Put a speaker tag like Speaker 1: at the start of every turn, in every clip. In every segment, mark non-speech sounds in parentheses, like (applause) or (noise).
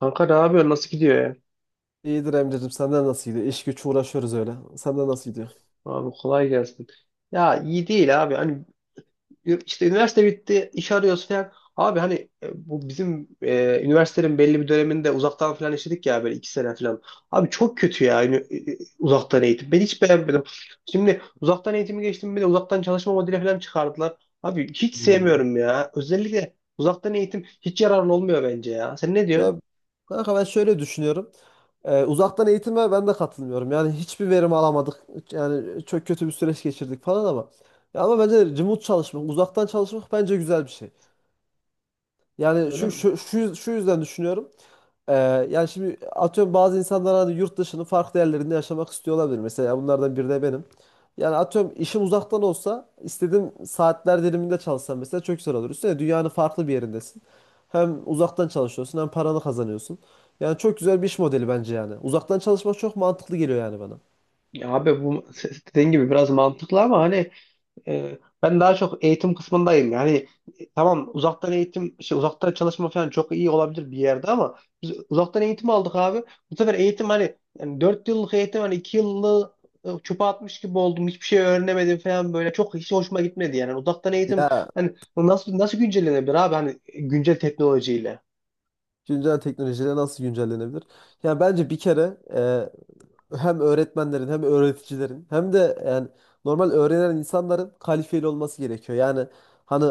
Speaker 1: Kanka ne yapıyorsun? Nasıl gidiyor ya?
Speaker 2: İyidir Emre'cim senden nasıl gidiyor? İş güç uğraşıyoruz öyle. Senden nasıl gidiyor?
Speaker 1: Abi kolay gelsin. Ya iyi değil abi. İşte üniversite bitti, iş arıyoruz falan. Abi hani bu bizim üniversitenin belli bir döneminde uzaktan falan işledik ya böyle iki sene falan. Abi çok kötü ya yani, uzaktan eğitim. Ben hiç beğenmedim. Şimdi uzaktan eğitimi geçtim bir de uzaktan çalışma modeli falan çıkardılar. Abi hiç
Speaker 2: Hmm.
Speaker 1: sevmiyorum ya. Özellikle uzaktan eğitim hiç yararlı olmuyor bence ya. Sen ne diyorsun?
Speaker 2: Ya kanka ben şöyle düşünüyorum. Uzaktan eğitime ben de katılmıyorum. Yani hiçbir verim alamadık. Yani çok kötü bir süreç geçirdik falan ama. Ya ama bence remote çalışmak, uzaktan çalışmak bence güzel bir şey. Yani
Speaker 1: Öyle
Speaker 2: şu,
Speaker 1: mi?
Speaker 2: şu, şu, şu yüzden düşünüyorum. Ee, Yani şimdi atıyorum bazı insanlar hani yurt dışının farklı yerlerinde yaşamak istiyor olabilir. Mesela bunlardan biri de benim. Yani atıyorum işim uzaktan olsa istediğim saatler diliminde çalışsam mesela çok güzel olur. Üstüne dünyanın farklı bir yerindesin. Hem uzaktan çalışıyorsun hem paranı kazanıyorsun. Yani çok güzel bir iş modeli bence yani. Uzaktan çalışmak çok mantıklı geliyor yani bana.
Speaker 1: Ya abi bu (laughs) dediğin gibi biraz mantıklı ama ben daha çok eğitim kısmındayım. Yani tamam uzaktan eğitim, şey, uzaktan çalışma falan çok iyi olabilir bir yerde ama biz uzaktan eğitim aldık abi. Bu sefer eğitim hani yani 4 yıllık eğitim hani 2 yıllık çöpe atmış gibi oldum. Hiçbir şey öğrenemedim falan böyle. Çok hiç hoşuma gitmedi yani. Uzaktan eğitim
Speaker 2: Ya
Speaker 1: hani nasıl güncellenebilir abi hani güncel teknolojiyle.
Speaker 2: güncel teknolojiyle nasıl güncellenebilir? Yani bence bir kere hem öğretmenlerin hem öğreticilerin hem de yani normal öğrenen insanların kalifeli olması gerekiyor. Yani hani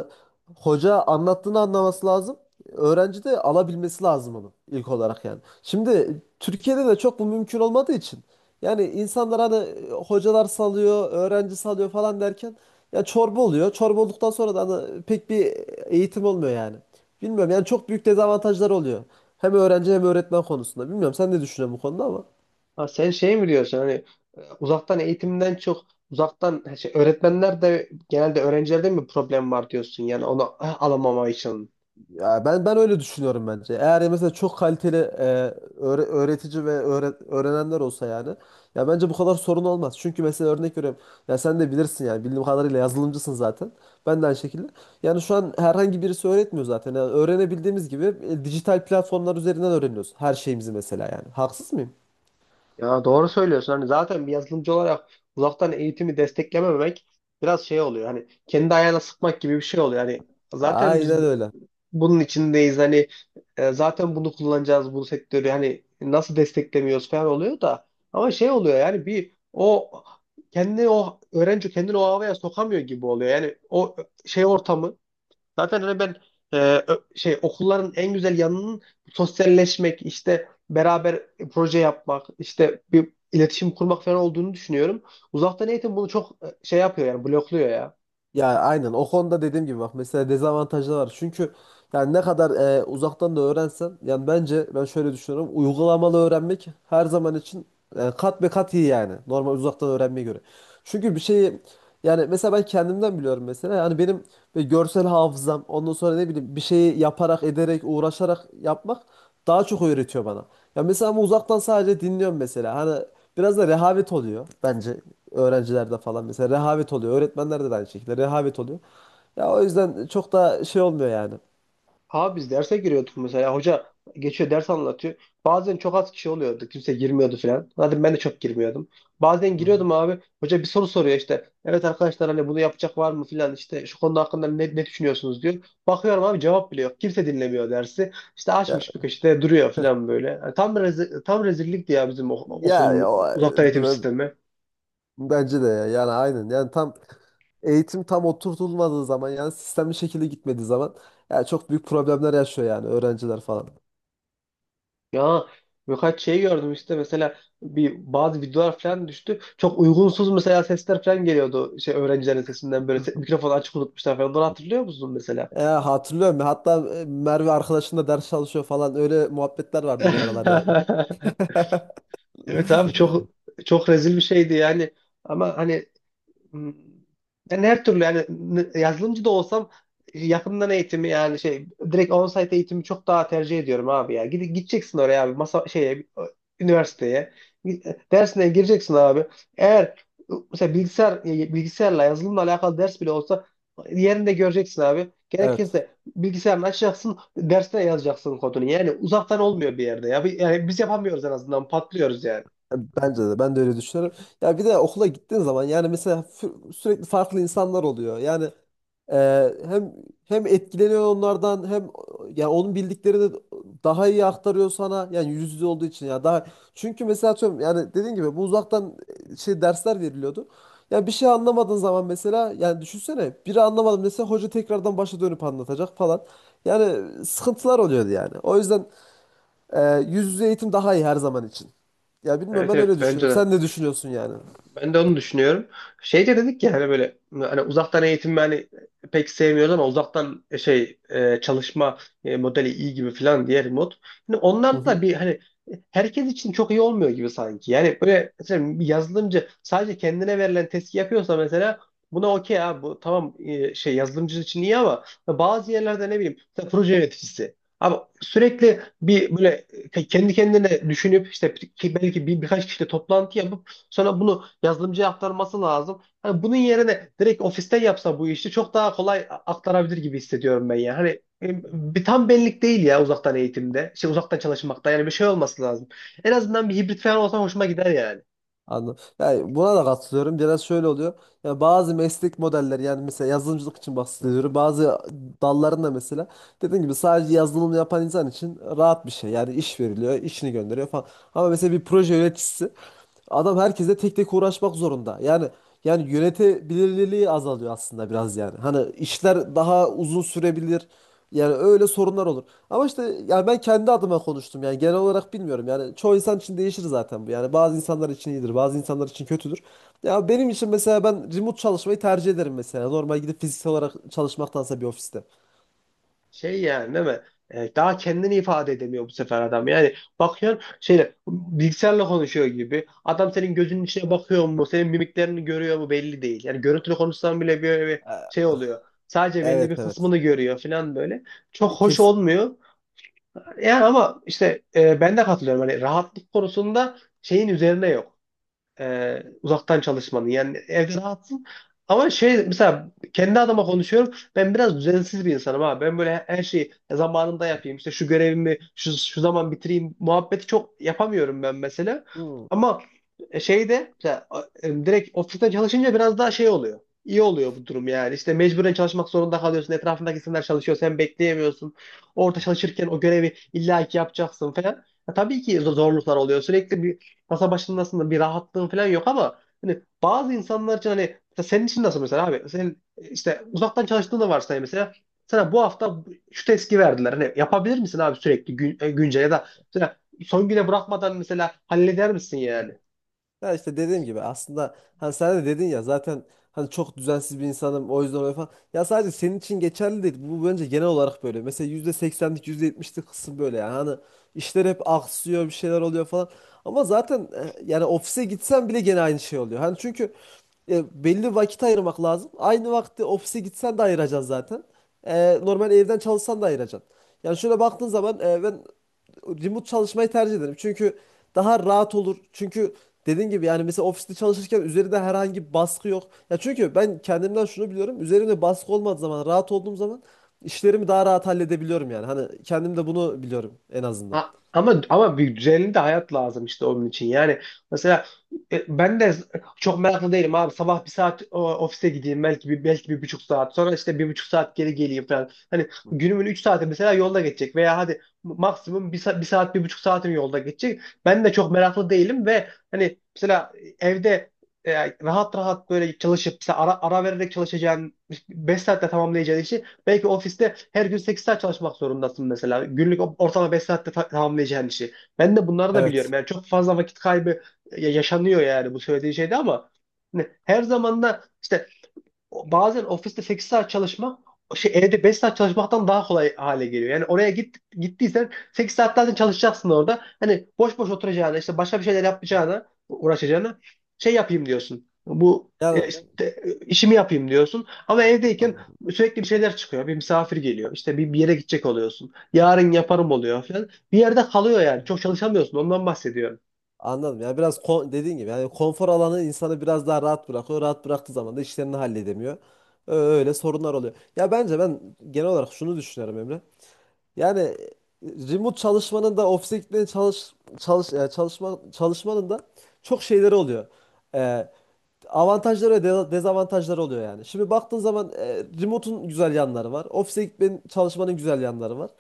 Speaker 2: hoca anlattığını anlaması lazım. Öğrenci de alabilmesi lazım onu ilk olarak yani. Şimdi Türkiye'de de çok bu mümkün olmadığı için yani insanlar hani hocalar salıyor, öğrenci salıyor falan derken ya çorba oluyor. Çorba olduktan sonra da hani pek bir eğitim olmuyor yani. Bilmiyorum yani çok büyük dezavantajlar oluyor. Hem öğrenci hem öğretmen konusunda. Bilmiyorum sen ne düşünüyorsun bu konuda ama.
Speaker 1: Ha, sen şey mi diyorsun hani uzaktan eğitimden çok uzaktan şey, öğretmenler de genelde öğrencilerde mi problem var diyorsun yani onu alamama için.
Speaker 2: Ya ben öyle düşünüyorum bence. Eğer mesela çok kaliteli öğretici ve öğrenenler olsa yani ya bence bu kadar sorun olmaz. Çünkü mesela örnek veriyorum. Ya sen de bilirsin yani bildiğim kadarıyla yazılımcısın zaten. Ben de aynı şekilde. Yani şu an herhangi birisi öğretmiyor zaten. Yani öğrenebildiğimiz gibi dijital platformlar üzerinden öğreniyoruz her şeyimizi mesela yani. Haksız mıyım?
Speaker 1: Ya doğru söylüyorsun. Hani zaten bir yazılımcı olarak uzaktan eğitimi desteklememek biraz şey oluyor. Hani kendi ayağına sıkmak gibi bir şey oluyor. Hani zaten
Speaker 2: Aynen öyle.
Speaker 1: bunun içindeyiz. Hani zaten bunu kullanacağız bu sektörü. Hani nasıl desteklemiyoruz falan oluyor da ama şey oluyor yani bir o kendini o öğrenci kendini o havaya sokamıyor gibi oluyor. Yani o şey ortamı. Zaten hani e, şey okulların en güzel yanının sosyalleşmek, işte beraber proje yapmak, işte bir iletişim kurmak falan olduğunu düşünüyorum. Uzaktan eğitim bunu çok şey yapıyor yani blokluyor ya.
Speaker 2: Ya aynen o konuda dediğim gibi bak mesela dezavantajları var. Çünkü yani ne kadar uzaktan da öğrensen yani bence ben şöyle düşünüyorum. Uygulamalı öğrenmek her zaman için kat be kat iyi yani normal uzaktan öğrenmeye göre. Çünkü bir şeyi yani mesela ben kendimden biliyorum mesela yani benim böyle görsel hafızam ondan sonra ne bileyim bir şeyi yaparak ederek uğraşarak yapmak daha çok öğretiyor bana. Ya mesela ama uzaktan sadece dinliyorum mesela. Hani biraz da rehavet oluyor bence öğrencilerde falan mesela rehavet oluyor. Öğretmenlerde de aynı şekilde rehavet oluyor. Ya o yüzden çok da şey olmuyor yani.
Speaker 1: Ha biz derse giriyorduk mesela. Hoca geçiyor ders anlatıyor. Bazen çok az kişi oluyordu. Kimse girmiyordu falan. Zaten ben de çok girmiyordum. Bazen
Speaker 2: Hı hı.
Speaker 1: giriyordum abi. Hoca bir soru soruyor işte. Evet arkadaşlar hani bunu yapacak var mı falan işte şu konu hakkında ne düşünüyorsunuz diyor. Bakıyorum abi cevap bile yok. Kimse dinlemiyor dersi. İşte
Speaker 2: Ya,
Speaker 1: açmış bir köşede duruyor falan böyle. Yani tam rezillikti ya bizim
Speaker 2: ya, ya o-
Speaker 1: okulun uzaktan eğitim
Speaker 2: b-
Speaker 1: sistemi.
Speaker 2: Bence de ya. Yani aynen. Yani tam eğitim tam oturtulmadığı zaman yani sistemli şekilde gitmediği zaman ya çok büyük problemler yaşıyor yani öğrenciler falan.
Speaker 1: Ya birkaç şey gördüm işte mesela bazı videolar falan düştü. Çok uygunsuz mesela sesler falan geliyordu şey öğrencilerin sesinden böyle mikrofonu açık unutmuşlar falan. Onları hatırlıyor musun mesela?
Speaker 2: Ya hatırlıyorum ya hatta Merve arkadaşınla ders çalışıyor falan öyle muhabbetler vardı bir aralar yani.
Speaker 1: (laughs) Evet abi
Speaker 2: (laughs)
Speaker 1: çok rezil bir şeydi yani. Ama hani. Hmm. Yani her türlü yani yazılımcı da olsam yakından eğitimi yani şey direkt on-site eğitimi çok daha tercih ediyorum abi ya. Gideceksin oraya abi masa şeye, üniversiteye. Dersine gireceksin abi. Eğer mesela bilgisayarla yazılımla alakalı ders bile olsa yerinde göreceksin abi.
Speaker 2: Evet.
Speaker 1: Gerekirse bilgisayarını açacaksın, dersine yazacaksın kodunu. Yani uzaktan olmuyor bir yerde ya. Yani biz yapamıyoruz en azından patlıyoruz yani.
Speaker 2: Bence de ben de öyle düşünüyorum. Ya bir de okula gittiğin zaman yani mesela sürekli farklı insanlar oluyor. Yani e, hem hem etkileniyor onlardan hem yani onun bildiklerini daha iyi aktarıyor sana. Yani yüz yüze olduğu için ya daha çünkü mesela atıyorum yani dediğin gibi bu uzaktan şey dersler veriliyordu. Ya bir şey anlamadığın zaman mesela yani düşünsene biri anlamadım dese hoca tekrardan başa dönüp anlatacak falan. Yani sıkıntılar oluyordu yani. O yüzden yüz yüze eğitim daha iyi her zaman için. Ya bilmiyorum
Speaker 1: Evet
Speaker 2: ben
Speaker 1: evet
Speaker 2: öyle
Speaker 1: bence
Speaker 2: düşünüyorum.
Speaker 1: de.
Speaker 2: Sen ne düşünüyorsun yani?
Speaker 1: Ben de onu düşünüyorum. Şey de dedik ya hani böyle hani uzaktan eğitim hani pek sevmiyoruz ama uzaktan çalışma modeli iyi gibi falan diğer mod. Hani
Speaker 2: Hı
Speaker 1: onlar
Speaker 2: hı.
Speaker 1: da bir hani herkes için çok iyi olmuyor gibi sanki. Yani böyle mesela bir yazılımcı sadece kendine verilen testi yapıyorsa mesela buna okey abi bu tamam şey yazılımcı için iyi ama bazı yerlerde ne bileyim mesela proje yöneticisi. Abi sürekli bir böyle kendi kendine düşünüp işte ki belki birkaç kişiyle toplantı yapıp sonra bunu yazılımcıya aktarması lazım. Hani bunun yerine direkt ofiste yapsa bu işi çok daha kolay aktarabilir gibi hissediyorum ben ya. Hani e, bir tam benlik değil ya uzaktan eğitimde. Şey uzaktan çalışmakta yani bir şey olması lazım. En azından bir hibrit falan olsa hoşuma gider yani.
Speaker 2: Anladım. Yani buna da katılıyorum. Biraz şöyle oluyor. Yani bazı meslek modelleri yani mesela yazılımcılık için bahsediyorum. Bazı dallarında mesela dediğim gibi sadece yazılım yapan insan için rahat bir şey. Yani iş veriliyor, işini gönderiyor falan. Ama mesela bir proje yöneticisi adam herkese tek tek uğraşmak zorunda. Yani yani yönetebilirliği azalıyor aslında biraz yani. Hani işler daha uzun sürebilir. Yani öyle sorunlar olur. Ama işte yani ben kendi adıma konuştum. Yani genel olarak bilmiyorum. Yani çoğu insan için değişir zaten bu. Yani bazı insanlar için iyidir, bazı insanlar için kötüdür. Ya benim için mesela ben remote çalışmayı tercih ederim mesela. Normal gidip fiziksel olarak çalışmaktansa bir ofiste.
Speaker 1: Şey yani değil mi? E, daha kendini ifade edemiyor bu sefer adam. Yani bakıyorsun şeyle bilgisayarla konuşuyor gibi. Adam senin gözünün içine bakıyor mu? Senin mimiklerini görüyor mu? Belli değil. Yani görüntülü konuşsan bile böyle bir şey
Speaker 2: Ee,
Speaker 1: oluyor. Sadece belli
Speaker 2: Evet
Speaker 1: bir
Speaker 2: evet.
Speaker 1: kısmını görüyor falan böyle. Çok hoş
Speaker 2: Kes.
Speaker 1: olmuyor. Yani ama işte ben de katılıyorum. Hani rahatlık konusunda şeyin üzerine yok uzaktan çalışmanın. Yani evde rahatsın. Ama şey mesela kendi adıma konuşuyorum. Ben biraz düzensiz bir insanım ha. Ben böyle her şeyi zamanında yapayım. İşte şu görevimi şu zaman bitireyim. Muhabbeti çok yapamıyorum ben mesela.
Speaker 2: Hmm.
Speaker 1: Ama şeyde mesela, direkt ofisten çalışınca biraz daha şey oluyor. İyi oluyor bu durum yani. İşte mecburen çalışmak zorunda kalıyorsun. Etrafındaki insanlar çalışıyor. Sen bekleyemiyorsun. Orada çalışırken o görevi illaki yapacaksın falan. Ya tabii ki zorluklar oluyor. Sürekli bir masa başındasın da bir rahatlığın falan yok ama hani bazı insanlar için hani mesela senin için nasıl mesela abi sen işte uzaktan çalıştığını da varsay mesela sana bu hafta şu testi verdiler hani yapabilir misin abi sürekli güncel ya da mesela son güne bırakmadan mesela halleder misin yani?
Speaker 2: Ya işte dediğim gibi aslında hani sen de dedin ya zaten hani çok düzensiz bir insanım o yüzden öyle falan. Ya sadece senin için geçerli değil. Bu bence genel olarak böyle. Mesela %80'lik %70'lik kısım böyle yani. Hani işler hep aksıyor bir şeyler oluyor falan. Ama zaten yani ofise gitsen bile gene aynı şey oluyor. Hani çünkü belli vakit ayırmak lazım. Aynı vakti ofise gitsen de ayıracaksın zaten. Normal evden çalışsan da ayıracaksın. Yani şöyle baktığın zaman ben remote çalışmayı tercih ederim. Çünkü daha rahat olur. Çünkü dediğin gibi yani mesela ofiste çalışırken üzerinde herhangi bir baskı yok. Ya çünkü ben kendimden şunu biliyorum. Üzerimde baskı olmadığı zaman, rahat olduğum zaman işlerimi daha rahat halledebiliyorum yani. Hani kendim de bunu biliyorum en azından.
Speaker 1: Ha, ama bir düzenli de hayat lazım işte onun için. Yani mesela ben de çok meraklı değilim abi. Sabah bir saat ofise gideyim belki bir buçuk saat. Sonra işte bir buçuk saat geri geleyim falan. Hani günümün üç saati mesela yolda geçecek veya hadi maksimum bir saat bir buçuk saatim yolda geçecek. Ben de çok meraklı değilim ve hani mesela evde rahat rahat böyle çalışıp mesela ara vererek çalışacağın 5 saatte tamamlayacağın işi. Belki ofiste her gün 8 saat çalışmak zorundasın mesela. Günlük ortalama 5 saatte tamamlayacağın işi. Ben de bunları da biliyorum.
Speaker 2: Evet.
Speaker 1: Yani çok fazla vakit kaybı yaşanıyor yani bu söylediği şeyde ama hani her zaman da işte bazen ofiste 8 saat çalışmak şey evde 5 saat çalışmaktan daha kolay hale geliyor. Yani oraya gittiysen 8 saat zaten çalışacaksın orada. Hani boş boş oturacağına işte başka bir şeyler yapacağına uğraşacağına şey yapayım diyorsun. Bu
Speaker 2: Yani
Speaker 1: işimi yapayım diyorsun. Ama evdeyken
Speaker 2: anladım.
Speaker 1: sürekli bir şeyler çıkıyor. Bir misafir geliyor. İşte bir yere gidecek oluyorsun. Yarın yaparım oluyor falan. Bir yerde kalıyor yani. Çok çalışamıyorsun. Ondan bahsediyorum.
Speaker 2: Anladım. Yani biraz dediğin gibi yani konfor alanı insanı biraz daha rahat bırakıyor. Rahat bıraktığı zaman da işlerini halledemiyor. Öyle sorunlar oluyor. Ya bence ben genel olarak şunu düşünüyorum Emre. Yani remote çalışmanın da ofise gitmenin çalışmanın da çok şeyleri oluyor. E, Avantajları ve dezavantajları oluyor yani. Şimdi baktığın zaman remote'un güzel yanları var. Ofise gitmenin, çalışmanın güzel yanları var.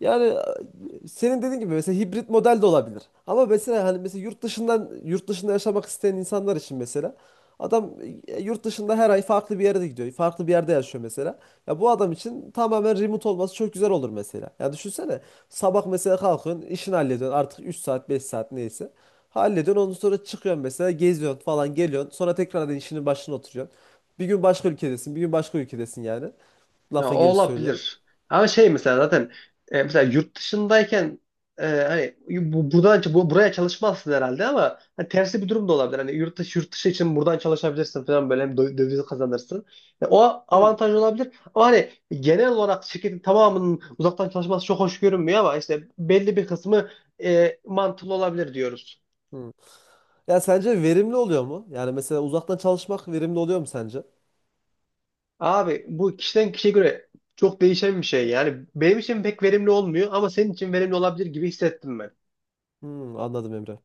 Speaker 2: Yani senin dediğin gibi mesela hibrit model de olabilir. Ama mesela hani mesela yurt dışından yurt dışında yaşamak isteyen insanlar için mesela adam yurt dışında her ay farklı bir yere de gidiyor. Farklı bir yerde yaşıyor mesela. Ya bu adam için tamamen remote olması çok güzel olur mesela. Ya düşünsene sabah mesela kalkıyorsun, işini hallediyorsun artık 3 saat 5 saat neyse. Hallediyorsun ondan sonra çıkıyorsun mesela geziyorsun falan geliyorsun. Sonra tekrardan işinin başına oturuyorsun. Bir gün başka ülkedesin, bir gün başka ülkedesin yani.
Speaker 1: Ya o
Speaker 2: Lafın gelişi söylüyorum.
Speaker 1: olabilir. Ama şey mesela zaten mesela yurt dışındayken hani buradan buraya çalışmazsın herhalde ama hani tersi bir durum da olabilir. Hani yurt dışı için buradan çalışabilirsin falan böyle hem döviz kazanırsın. Yani o
Speaker 2: Hmm.
Speaker 1: avantaj olabilir. Ama hani genel olarak şirketin tamamının uzaktan çalışması çok hoş görünmüyor ama işte belli bir kısmı mantıklı olabilir diyoruz.
Speaker 2: Hmm. Ya sence verimli oluyor mu? Yani mesela uzaktan çalışmak verimli oluyor mu sence?
Speaker 1: Abi bu kişiden kişiye göre çok değişen bir şey. Yani benim için pek verimli olmuyor ama senin için verimli olabilir gibi hissettim ben.
Speaker 2: Hmm, anladım Emre.